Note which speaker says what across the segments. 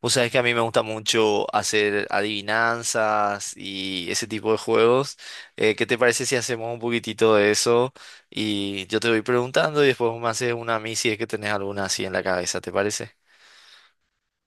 Speaker 1: Vos sabés que a mí me gusta mucho hacer adivinanzas y ese tipo de juegos. ¿Qué te parece si hacemos un poquitito de eso? Y yo te voy preguntando y después vos me haces una a mí si es que tenés alguna así en la cabeza, ¿te parece?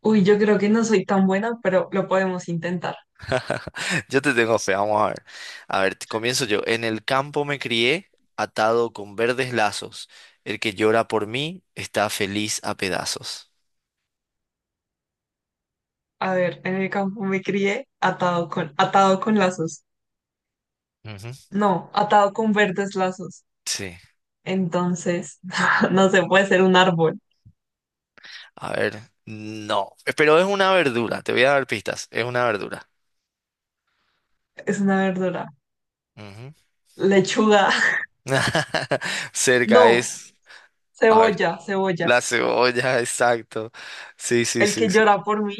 Speaker 2: Uy, yo creo que no soy tan buena, pero lo podemos intentar.
Speaker 1: Yo te tengo fe, vamos a ver. A ver, comienzo yo. En el campo me crié, atado con verdes lazos. El que llora por mí está feliz a pedazos.
Speaker 2: A ver, en el campo me crié atado con lazos.
Speaker 1: Ujú.
Speaker 2: No, atado con verdes lazos.
Speaker 1: Sí.
Speaker 2: Entonces, no se puede ser un árbol.
Speaker 1: A ver, no. Pero es una verdura, te voy a dar pistas. Es una verdura.
Speaker 2: Es una verdura.
Speaker 1: Ujú.
Speaker 2: Lechuga.
Speaker 1: Cerca
Speaker 2: No,
Speaker 1: es, a ver,
Speaker 2: cebolla.
Speaker 1: la cebolla, exacto. Sí, sí,
Speaker 2: El
Speaker 1: sí,
Speaker 2: que
Speaker 1: sí.
Speaker 2: llora por mí.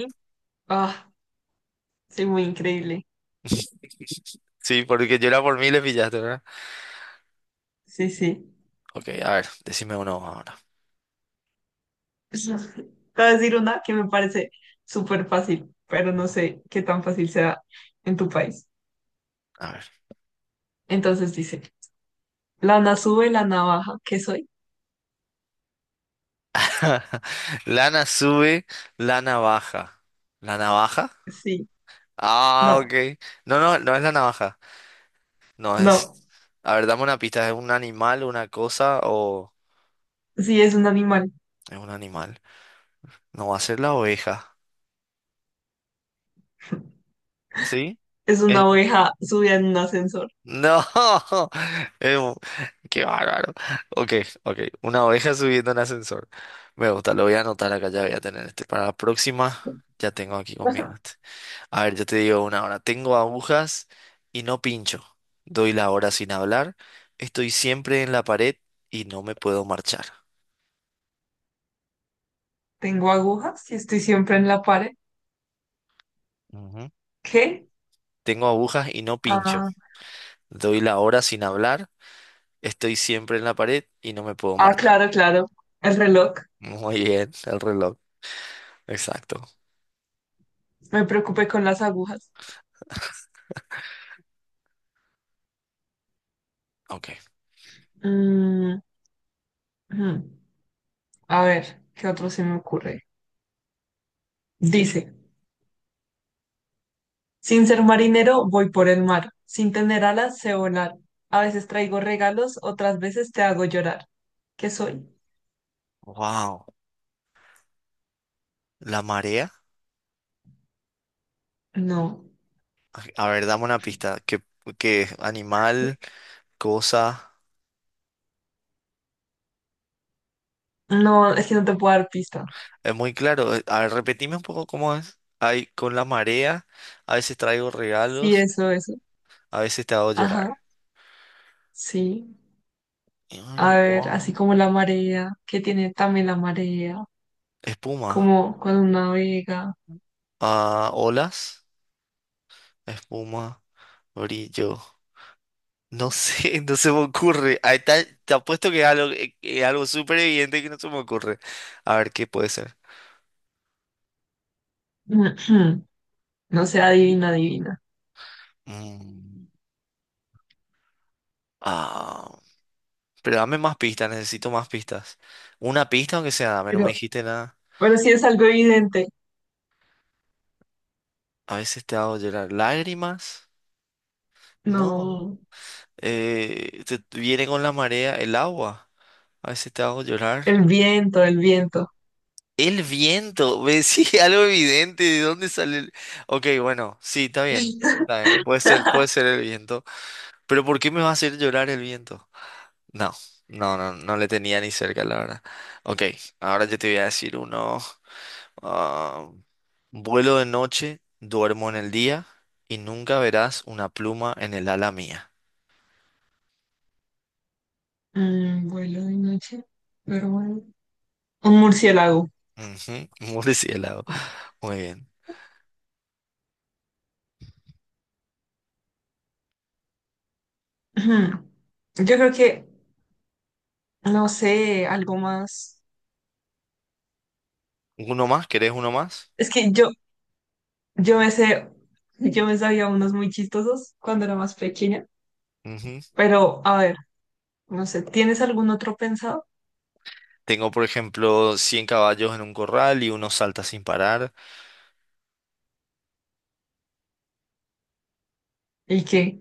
Speaker 2: Ah, soy muy increíble.
Speaker 1: Sí, porque yo era por mí le pillaste, ¿verdad?
Speaker 2: Sí, sí.
Speaker 1: Ok, a ver, decime uno ahora.
Speaker 2: Te voy a decir una que me parece súper fácil, pero no sé qué tan fácil sea en tu país.
Speaker 1: A ver.
Speaker 2: Entonces dice. La Nasú de la navaja, ¿qué soy?
Speaker 1: Lana sube, lana baja. ¿La navaja?
Speaker 2: Sí,
Speaker 1: Ah, ok.
Speaker 2: no,
Speaker 1: No, no, no es la navaja. No es.
Speaker 2: no,
Speaker 1: A ver, dame una pista. ¿Es un animal, una cosa o
Speaker 2: sí es un animal,
Speaker 1: es un animal? No va a ser la oveja. ¿Sí?
Speaker 2: es una oveja subida en un ascensor.
Speaker 1: No, es un, qué bárbaro. Ok, ok. Una oveja subiendo en ascensor. Me gusta, lo voy a anotar acá, ya voy a tener este. Para la próxima, ya tengo aquí conmigo
Speaker 2: Ajá.
Speaker 1: este. A ver, yo te digo una hora. Tengo agujas y no pincho. Doy la hora sin hablar. Estoy siempre en la pared y no me puedo marchar.
Speaker 2: Tengo agujas y estoy siempre en la pared.
Speaker 1: Ujú.
Speaker 2: ¿Qué?
Speaker 1: Tengo agujas y no pincho.
Speaker 2: Ah,
Speaker 1: Doy la hora sin hablar. Estoy siempre en la pared y no me puedo
Speaker 2: ah,
Speaker 1: marchar.
Speaker 2: claro, claro, el reloj.
Speaker 1: Muy bien, el reloj. Exacto.
Speaker 2: Me preocupé con las agujas.
Speaker 1: Ok.
Speaker 2: Mm, mm. A ver, ¿qué otro se me ocurre? Dice, sin ser marinero voy por el mar, sin tener alas sé volar. A veces traigo regalos, otras veces te hago llorar. ¿Qué soy?
Speaker 1: Wow. La marea.
Speaker 2: No.
Speaker 1: A ver, dame una pista. ¿Qué animal, cosa?
Speaker 2: No, es que no te puedo dar pista.
Speaker 1: Es muy claro. A ver, repetime un poco cómo es. Hay con la marea, a veces traigo
Speaker 2: Sí,
Speaker 1: regalos,
Speaker 2: eso, eso.
Speaker 1: a veces te hago llorar.
Speaker 2: Ajá, sí.
Speaker 1: Ay,
Speaker 2: A ver, así
Speaker 1: wow.
Speaker 2: como la marea, que tiene también la marea,
Speaker 1: Espuma.
Speaker 2: como cuando navega.
Speaker 1: Ah, olas. Espuma. Brillo. No sé, no se me ocurre. Ahí está, te apuesto que es algo súper evidente que no se me ocurre. A ver, ¿qué puede ser?
Speaker 2: No sé, adivina, adivina.
Speaker 1: Mm, ah, Pero dame más pistas, necesito más pistas. Una pista, aunque sea, dame, no me
Speaker 2: Pero,
Speaker 1: dijiste nada.
Speaker 2: pero sí es algo evidente.
Speaker 1: A veces te hago llorar. ¿Lágrimas? No.
Speaker 2: No,
Speaker 1: Te viene con la marea el agua. A veces te hago llorar.
Speaker 2: el viento, el viento.
Speaker 1: El viento. Ve Sí, algo evidente. ¿De dónde sale el...? Ok, bueno, sí, está bien. Está bien. Puede ser el viento. Pero ¿por qué me va a hacer llorar el viento? No, no, no, no le tenía ni cerca, la verdad. Ok, ahora yo te voy a decir uno. Ah, vuelo de noche, duermo en el día y nunca verás una pluma en el ala mía.
Speaker 2: Mm, vuelo de noche, pero bueno. Un murciélago.
Speaker 1: Ujú, murciélago. Muy bien.
Speaker 2: Ujú. Yo creo que, no sé, algo más.
Speaker 1: ¿Uno más? ¿Querés uno más?
Speaker 2: Es que yo me sé, yo me sabía unos muy chistosos cuando era más pequeña,
Speaker 1: Ujú.
Speaker 2: pero a ver, no sé, ¿tienes algún otro pensado?
Speaker 1: Tengo, por ejemplo, 100 caballos en un corral y uno salta sin parar.
Speaker 2: ¿Y qué?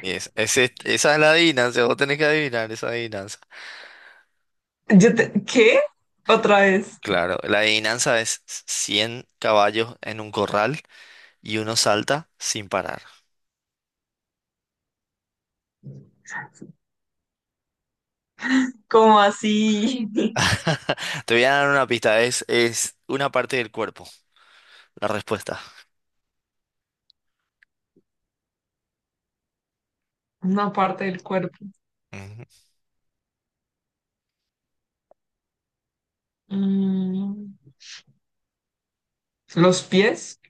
Speaker 1: Y esa es la adivinanza, vos tenés que adivinar esa adivinanza.
Speaker 2: Yo te- ¿qué? Otra vez,
Speaker 1: Claro, la adivinanza es 100 caballos en un corral y uno salta sin parar.
Speaker 2: como así
Speaker 1: Te voy a dar una pista, es una parte del cuerpo. La respuesta.
Speaker 2: una parte del cuerpo.
Speaker 1: Ujú.
Speaker 2: Mm, ¿los pies?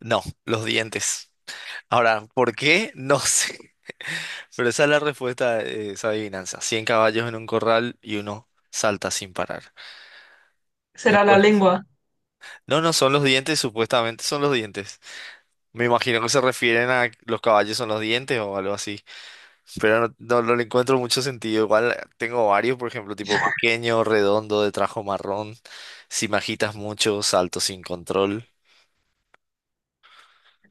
Speaker 1: No, los dientes. Ahora, ¿por qué? No sé. Pero esa es la respuesta de esa adivinanza. 100 caballos en un corral y uno salta sin parar.
Speaker 2: Será la
Speaker 1: Después.
Speaker 2: lengua.
Speaker 1: No, no, son los dientes, supuestamente son los dientes. Me imagino que se refieren a los caballos son los dientes o algo así. Pero no, no, no le encuentro mucho sentido. Igual tengo varios, por ejemplo, tipo pequeño, redondo, de trajo marrón. Si me agitas mucho, salto sin control.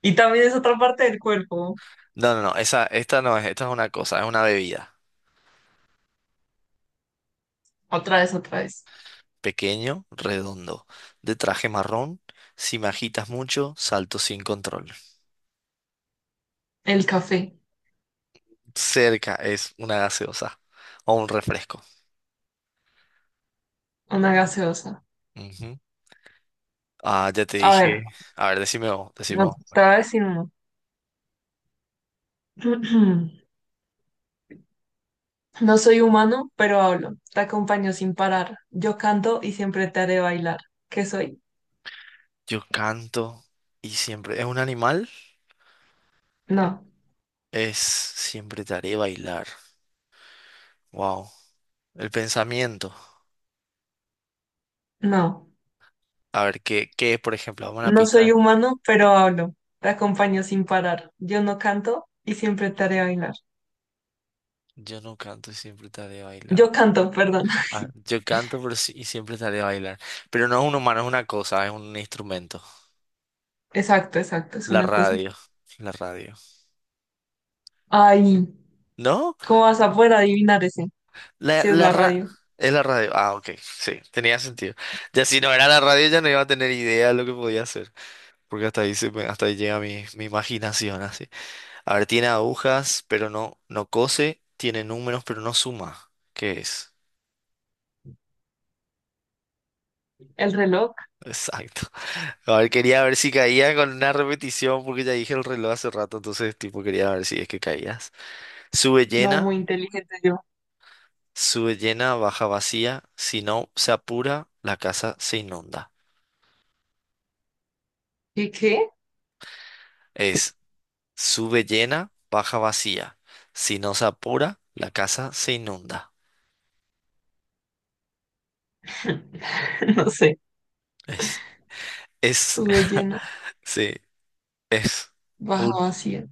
Speaker 2: Y también es otra parte del cuerpo.
Speaker 1: No, no, no, esta no es, esta es una cosa, es una bebida.
Speaker 2: Otra vez, otra vez.
Speaker 1: Pequeño, redondo, de traje marrón. Si me agitas mucho, salto sin control.
Speaker 2: El café,
Speaker 1: Cerca es una gaseosa o un refresco.
Speaker 2: una gaseosa.
Speaker 1: Ujú. Ah, ya te
Speaker 2: A ver,
Speaker 1: dije. A ver, decime vos, decime
Speaker 2: no,
Speaker 1: vos.
Speaker 2: te voy a decir uno. No soy humano, pero hablo. Te acompaño sin parar. Yo canto y siempre te haré bailar. ¿Qué soy?
Speaker 1: Yo canto y siempre. ¿Es un animal?
Speaker 2: No,
Speaker 1: Es siempre te haré bailar. Wow. El pensamiento.
Speaker 2: no.
Speaker 1: A ver, ¿qué es, por ejemplo? Vamos a
Speaker 2: No soy
Speaker 1: pintar.
Speaker 2: humano, pero hablo. Te acompaño sin parar. Yo no canto y siempre te haré bailar.
Speaker 1: Yo no canto y siempre te haré bailar.
Speaker 2: Yo canto, perdón.
Speaker 1: Ah, yo canto pero y siempre te haré bailar. Pero no es un humano, es una cosa, es un instrumento.
Speaker 2: Exacto, exacto, es
Speaker 1: La
Speaker 2: una cosa.
Speaker 1: radio, la radio.
Speaker 2: Ay,
Speaker 1: ¿No?
Speaker 2: ¿cómo vas a poder adivinar ese?
Speaker 1: La,
Speaker 2: Si es
Speaker 1: la
Speaker 2: la
Speaker 1: ra-
Speaker 2: radio.
Speaker 1: Es la radio. Ah, ok, sí, tenía sentido. Ya si no era la radio ya no iba a tener idea de lo que podía hacer. Porque hasta ahí, hasta ahí llega mi imaginación, así. A ver, tiene agujas, pero no, no cose. Tiene números, pero no suma. ¿Qué es?
Speaker 2: El reloj,
Speaker 1: Exacto. A ver, quería ver si caía con una repetición, porque ya dije el reloj hace rato, entonces, tipo, quería ver si es que caías. Sube
Speaker 2: no muy
Speaker 1: llena.
Speaker 2: inteligente yo.
Speaker 1: Sube llena, baja vacía, si no se apura, la casa se inunda.
Speaker 2: ¿Y qué?
Speaker 1: Es sube llena, baja vacía, si no se apura, la casa se inunda.
Speaker 2: No sé.
Speaker 1: Es, es,
Speaker 2: Sube llena,
Speaker 1: sí, es
Speaker 2: baja
Speaker 1: un...
Speaker 2: vacía.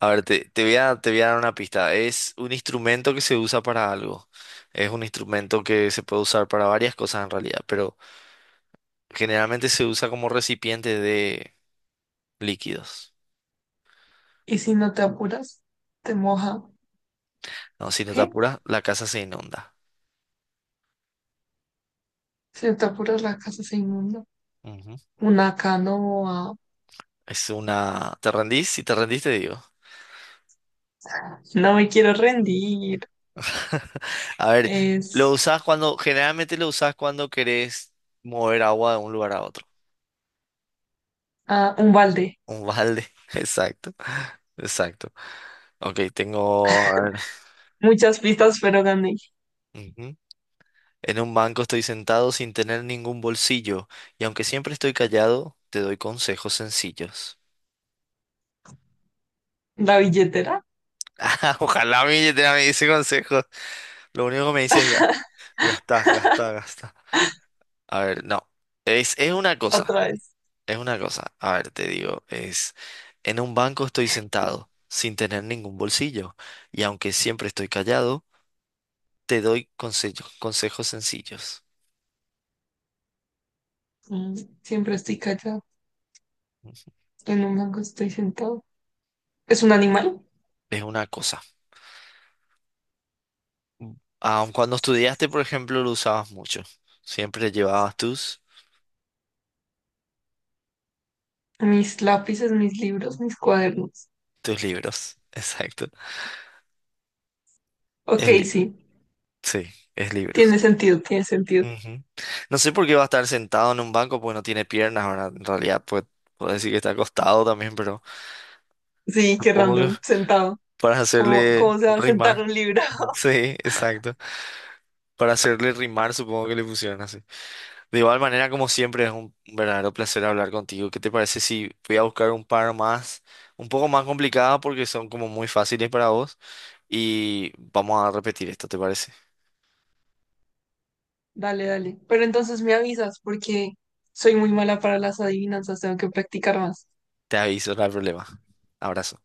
Speaker 1: A ver, te voy a dar una pista. Es un instrumento que se usa para algo. Es un instrumento que se puede usar para varias cosas en realidad, pero generalmente se usa como recipiente de líquidos.
Speaker 2: Y si no te apuras, te moja.
Speaker 1: No, si no te
Speaker 2: ¿Qué?
Speaker 1: apuras, la casa se inunda.
Speaker 2: Si te apuras, la casa se inunda.
Speaker 1: Ujú.
Speaker 2: Una canoa.
Speaker 1: Es una... ¿Te rendís? Si te rendís, te digo.
Speaker 2: No me quiero rendir.
Speaker 1: A ver, lo
Speaker 2: Es
Speaker 1: usás cuando... Generalmente lo usás cuando querés mover agua de un lugar a otro.
Speaker 2: un balde.
Speaker 1: Un balde. Exacto. Exacto. Ok, tengo... a ver,
Speaker 2: Muchas pistas, pero gané.
Speaker 1: ujú. En un banco estoy sentado sin tener ningún bolsillo. Y aunque siempre estoy callado, te doy consejos sencillos.
Speaker 2: La billetera,
Speaker 1: Ojalá mi billetera me dice consejos. Lo único que me dice es gastar, gastar, gastar. A ver, no. Es una cosa.
Speaker 2: otra vez.
Speaker 1: Es una cosa, a ver, te digo, en un banco estoy sentado, sin tener ningún bolsillo, y aunque siempre estoy callado, te doy consejos, consejos sencillos.
Speaker 2: Mm, siempre estoy callado. En un banco estoy sentado. ¿Es un animal?
Speaker 1: Es una cosa. Aun cuando estudiaste, por ejemplo, lo usabas mucho. Siempre llevabas tus,
Speaker 2: Mis lápices, mis libros, mis cuadernos.
Speaker 1: tus libros. Exacto.
Speaker 2: Ok,
Speaker 1: Es li-
Speaker 2: sí.
Speaker 1: sí, es libros.
Speaker 2: Tiene sentido, tiene sentido.
Speaker 1: Ujú. No sé por qué va a estar sentado en un banco porque no tiene piernas, ¿verdad? En realidad, pues, puedo decir que está acostado también, pero
Speaker 2: Sí, qué
Speaker 1: supongo que
Speaker 2: random. Sentado.
Speaker 1: para
Speaker 2: ¿Cómo,
Speaker 1: hacerle
Speaker 2: cómo se va a sentar
Speaker 1: rimar.
Speaker 2: un libro?
Speaker 1: Sí, exacto. Para hacerle rimar, supongo que le pusieron así. De igual manera, como siempre, es un verdadero placer hablar contigo. ¿Qué te parece si voy a buscar un par más, un poco más complicadas porque son como muy fáciles para vos? Y vamos a repetir esto, ¿te parece?
Speaker 2: Dale, dale. Pero entonces me avisas porque soy muy mala para las adivinanzas, tengo que practicar más.
Speaker 1: Te aviso, no hay problema. Abrazo.